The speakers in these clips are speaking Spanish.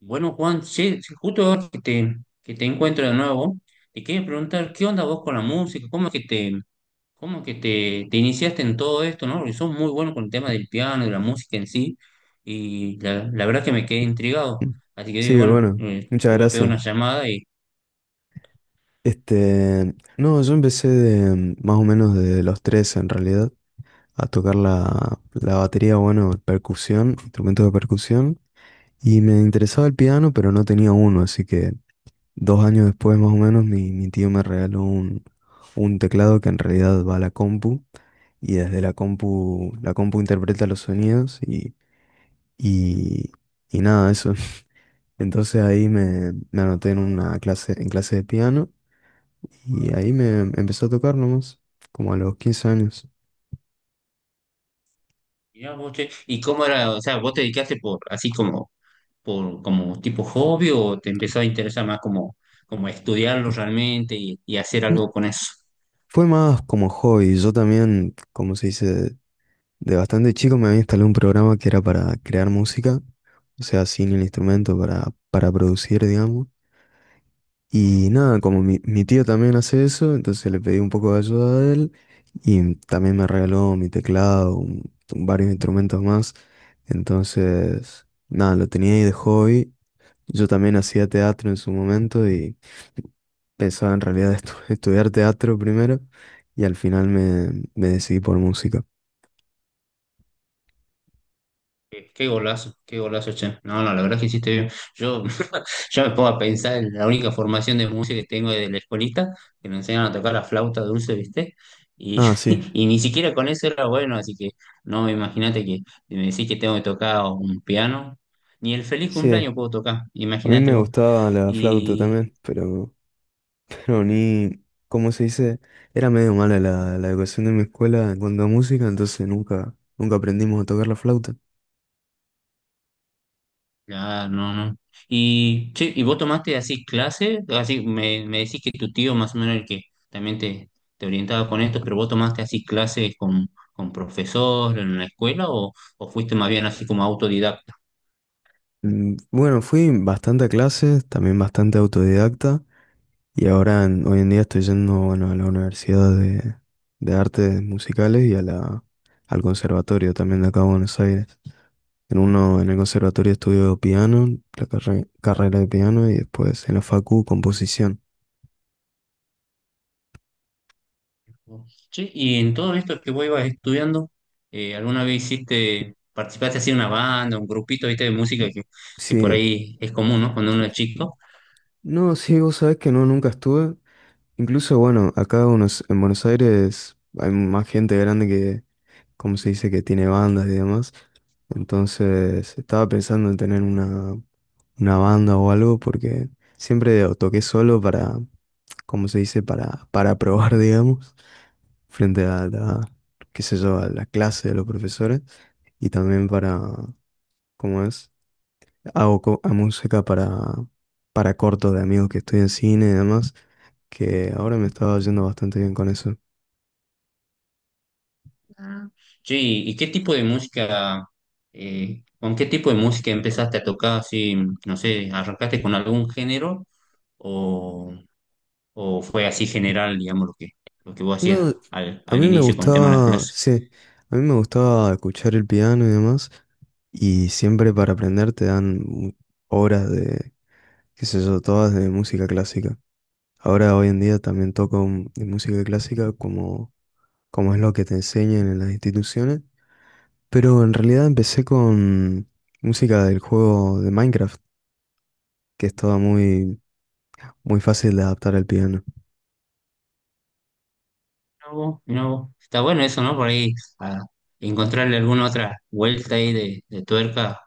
Bueno, Juan, sí, sí, justo ahora que te encuentro de nuevo, te quería preguntar, ¿qué onda vos con la música? ¿Cómo es que te iniciaste en todo esto, ¿no? Porque sos muy bueno con el tema del piano, de la música en sí, y la verdad que me quedé intrigado. Así que digo, Sí, bueno, bueno, muchas te voy a pegar gracias. una llamada y No, yo empecé de, más o menos de los tres, en realidad a tocar la batería, bueno, percusión, instrumentos de percusión, y me interesaba el piano, pero no tenía uno, así que dos años después más o menos mi tío me regaló un teclado que en realidad va a la compu, y desde la compu interpreta los sonidos y, y nada, eso. Entonces me anoté en una clase, en clase de piano y ahí me empezó a tocar nomás, como a los 15 años. mirá vos, che, ¿y cómo era? O sea, ¿vos te dedicaste por, así como, por, como tipo hobby o te empezó a interesar más como estudiarlo realmente y hacer algo Mm, con eso? Fue más como hobby. Yo también, como se dice, de bastante chico me había instalado un programa que era para crear música, o sea, sin el instrumento, para producir, digamos. Y nada, como mi tío también hace eso, entonces le pedí un poco de ayuda a él y también me regaló mi teclado, varios instrumentos más. Entonces, nada, lo tenía ahí de hobby. Yo también hacía teatro en su momento y pensaba en realidad estudiar teatro primero y al final me decidí por música. Qué golazo, qué golazo, che. No, no, la verdad es que hiciste bien. Yo ya me pongo a pensar en la única formación de música que tengo de la escuelita, que nos enseñan a tocar la flauta dulce, ¿viste? Y, Ah, sí, y ni siquiera con eso era bueno, así que no, imagínate que me decís que tengo que tocar un piano, ni el feliz sí, a cumpleaños puedo tocar, mí imagínate me vos. gustaba la flauta también, pero ni, como se dice, era medio mala la educación de mi escuela en cuanto a música, entonces nunca, nunca aprendimos a tocar la flauta. Claro, no, no. Y, che, ¿y vos tomaste así clases? Así me decís que tu tío más o menos el que también te orientaba con esto, pero ¿vos tomaste así clases con profesor en la escuela o fuiste más bien así como autodidacta? Bueno, fui bastante a clases, también bastante autodidacta, y ahora hoy en día estoy yendo, bueno, a la Universidad de Artes Musicales y a la, al conservatorio también de acá de Buenos Aires. En uno, en el conservatorio estudio piano, la carrera de piano, y después en la facu composición. Che, y en todo esto que vos ibas estudiando, ¿alguna vez hiciste, participaste así en una banda, un grupito, viste, de música que por Sí, ahí es común, ¿no? Cuando uno es chico. no, sí, vos sabés que no, nunca estuve. Incluso, bueno, acá unos, en Buenos Aires hay más gente grande que, como se dice, que tiene bandas y demás. Entonces, estaba pensando en tener una banda o algo porque siempre o toqué solo para, como se dice, para probar, digamos, frente a la, qué sé yo, a la clase de los profesores y también para, ¿cómo es? Hago co- a música para cortos de amigos que estoy en cine y demás, que ahora me estaba yendo bastante bien con eso. Sí, ¿y qué tipo de música, con qué tipo de música empezaste a tocar? Así, no sé, ¿arrancaste con algún género o, o fue así general, digamos, lo que vos hacías No, a al mí me inicio con el tema de las gustaba, clases? sí, a mí me gustaba escuchar el piano y demás, y siempre para aprender te dan horas de, qué sé yo, todas de música clásica. Ahora, hoy en día también toco de música clásica como, como es lo que te enseñan en las instituciones, pero en realidad empecé con música del juego de Minecraft, que es toda muy, muy fácil de adaptar al piano. No, no, está bueno eso, ¿no? Por ahí, a encontrarle alguna otra vuelta ahí de tuerca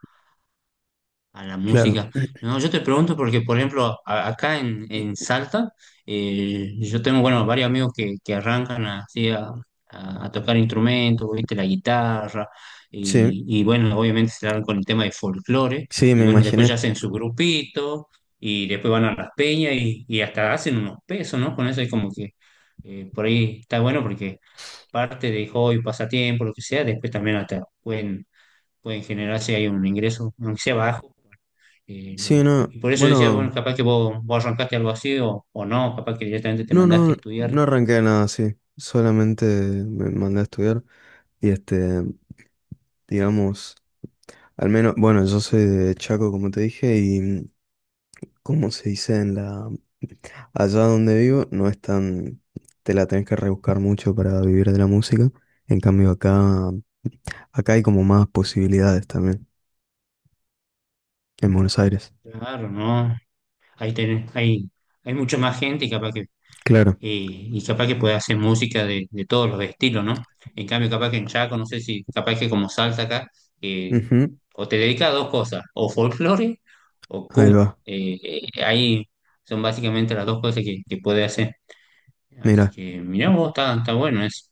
a la Claro, música. No, yo te pregunto porque, por ejemplo, acá en Salta, yo tengo, bueno, varios amigos que arrancan así a tocar instrumentos, ¿viste? La guitarra, sí, y bueno, obviamente se largan con el tema de folclore, sí, y me bueno, después ya imaginé. hacen su grupito, y después van a las peñas, y hasta hacen unos pesos, ¿no? Con eso es como que por ahí está bueno porque parte de hobby, pasatiempo, lo que sea, después pueden generar si hay un ingreso, aunque sea bajo Sí, pero- no, y por eso decía, bueno, bueno. capaz que vos, vos arrancaste algo así o no, capaz que directamente te No, mandaste no, a no estudiar. arranqué nada así. Solamente me mandé a estudiar y digamos, al menos, bueno, yo soy de Chaco, como te dije, y como se dice en la, allá donde vivo, no es tan, te la tenés que rebuscar mucho para vivir de la música. En cambio, acá, acá hay como más posibilidades también, en Buenos Aires. Claro, ¿no? Ahí tenés, hay mucha más gente y capaz que, Claro. Y capaz que puede hacer música de todos los estilos, ¿no? En cambio, capaz que en Chaco, no sé si, capaz que como salsa acá, eh, Ujú. o te dedicas a dos cosas, o folclore o Ahí cumbia. va. Eh, ahí son básicamente las dos cosas que puede hacer. Así Mira. que, mirá vos, está, está bueno eso.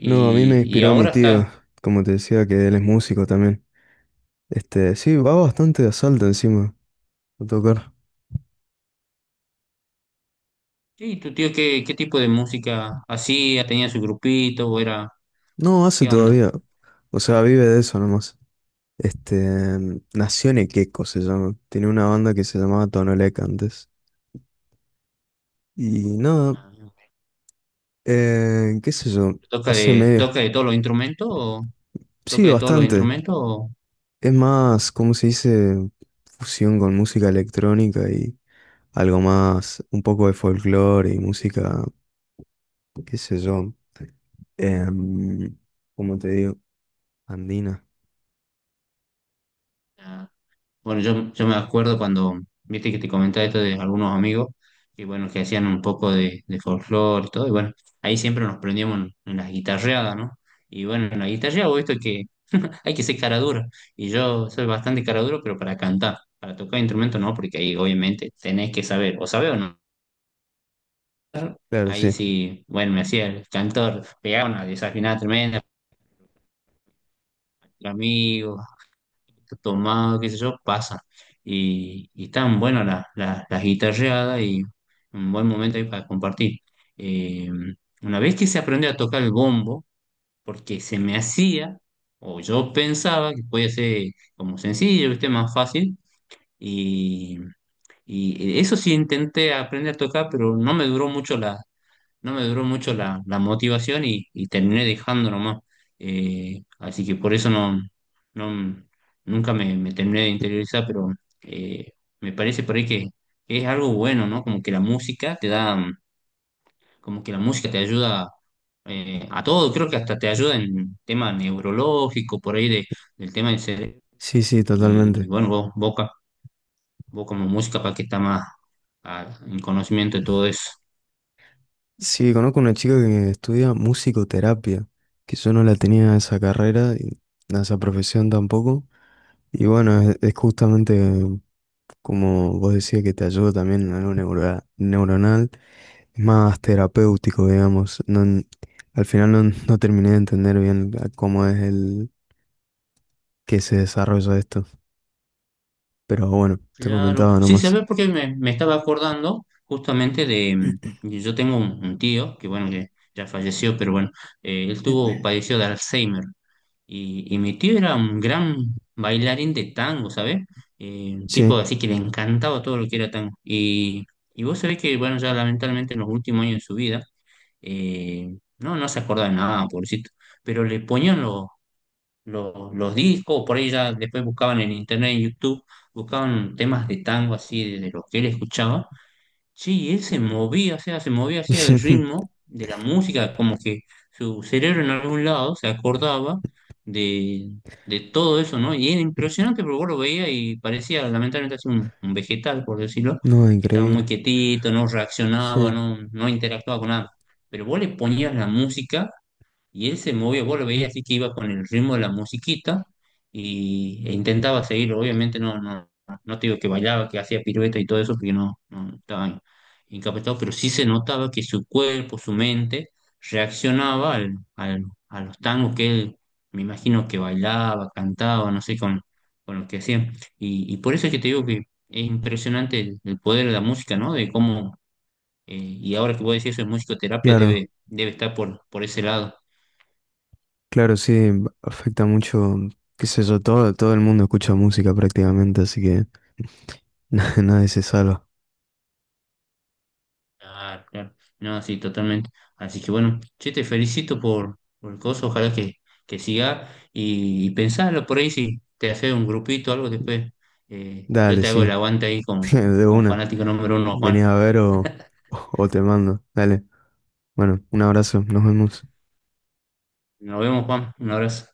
No, a mí me Y inspiró mi ahora está. tío, como te decía, que él es músico también. Este, sí, va bastante de asalto encima a tocar. ¿Y tu tío qué, qué tipo de música hacía? ¿Tenía su grupito o era No, hace qué onda? todavía. O sea, vive de eso nomás. Este, Nación Equeco se llama. Tiene una banda que se llamaba Tonolec antes. Y nada, Ah, qué sé yo, ¿toca hace de, medio. toca de todos los instrumentos o Sí, toca de todos los bastante. instrumentos? O- Es más, ¿cómo se dice? Fusión con música electrónica y algo más, un poco de folclore y música, qué sé yo. em, ¿Cómo te digo? Andina. ah, bueno, yo me acuerdo cuando viste que te comentaba esto de algunos amigos que bueno, que hacían un poco de folclore y todo, y bueno, ahí siempre nos prendíamos en las guitarreadas, ¿no? Y bueno, en la guitarreada vos esto que hay que ser cara dura, y yo soy bastante cara duro, pero para cantar, para tocar instrumento no, porque ahí obviamente tenés que saber, o saber o no. Claro, Ahí sí. sí, bueno, me hacía el cantor, pegaba una desafinada tremenda, los amigos, tomado, qué sé yo, pasa. Y están buenas las guitarreadas y un buen momento ahí para compartir. Eh, una vez que se aprendió a tocar el bombo, porque se me hacía, o yo pensaba que podía ser como sencillo, ¿viste? Más fácil. Y, y eso sí intenté aprender a tocar, pero no me duró mucho. No me duró mucho la motivación y terminé dejando nomás. Así que por eso no nunca me terminé de interiorizar, pero eh, me parece por ahí que es algo bueno, ¿no? Como que la música te da, como que la música te ayuda a todo, creo que hasta te ayuda en tema neurológico, por ahí de, del tema del cerebro. Sí, sí, Y totalmente. bueno, vos como música para que está más en conocimiento de todo eso. Sí, conozco una chica que estudia musicoterapia, que yo no la tenía esa carrera y a esa profesión tampoco. Y bueno, es justamente como vos decías que te ayuda también en algo neuronal, es más terapéutico, digamos. No, al final no, no terminé de entender bien a cómo es el que se desarrolla esto, pero bueno, te Claro, comentaba sí, se nomás. ve porque me estaba acordando justamente de, yo tengo un tío que bueno, que ya falleció, pero bueno, él tuvo, padeció de Alzheimer y mi tío era un gran bailarín de tango, ¿sabes? Un tipo Sí, así que le encantaba todo lo que era tango. Y vos sabés que bueno, ya lamentablemente en los últimos años de su vida, no, no se acordaba de nada, pobrecito, pero le ponían los discos, por ahí ya después buscaban en internet, en YouTube, buscaban temas de tango así, de lo que él escuchaba. Sí, y él se movía, o sea, se movía así al ritmo de la música, como que su cerebro en algún lado se acordaba de, de todo eso, ¿no? Y era impresionante porque vos lo veía y parecía lamentablemente así un vegetal, por decirlo, no, que estaba muy increíble. quietito, no reaccionaba, Sí, no, no interactuaba con nada. Pero vos le ponías la música y él se movía, vos lo veías así que iba con el ritmo de la musiquita y, e intentaba seguirlo. Obviamente no te digo que bailaba, que hacía piruetas y todo eso, porque no, no estaba incapacitado, pero sí se notaba que su cuerpo, su mente, reaccionaba a los tangos que él, me imagino que bailaba, cantaba, no sé, con lo que hacía. Y por eso es que te digo que es impresionante el poder de la música, ¿no? De cómo, y ahora que voy a decir eso de musicoterapia, claro. debe, debe estar por ese lado. Claro, sí, afecta mucho, qué sé yo, todo, todo el mundo escucha música prácticamente, así que nadie se salva. Claro, claro. No, sí, totalmente. Así que bueno, che, te felicito por el coso, ojalá que siga y pensalo por ahí si te haces un grupito o algo después. Yo Dale, te hago el sí, aguante ahí de con una. fanático número uno, Juan. Venís a ver o te mando. Dale, bueno, un abrazo, nos vemos. Nos vemos, Juan. Un abrazo.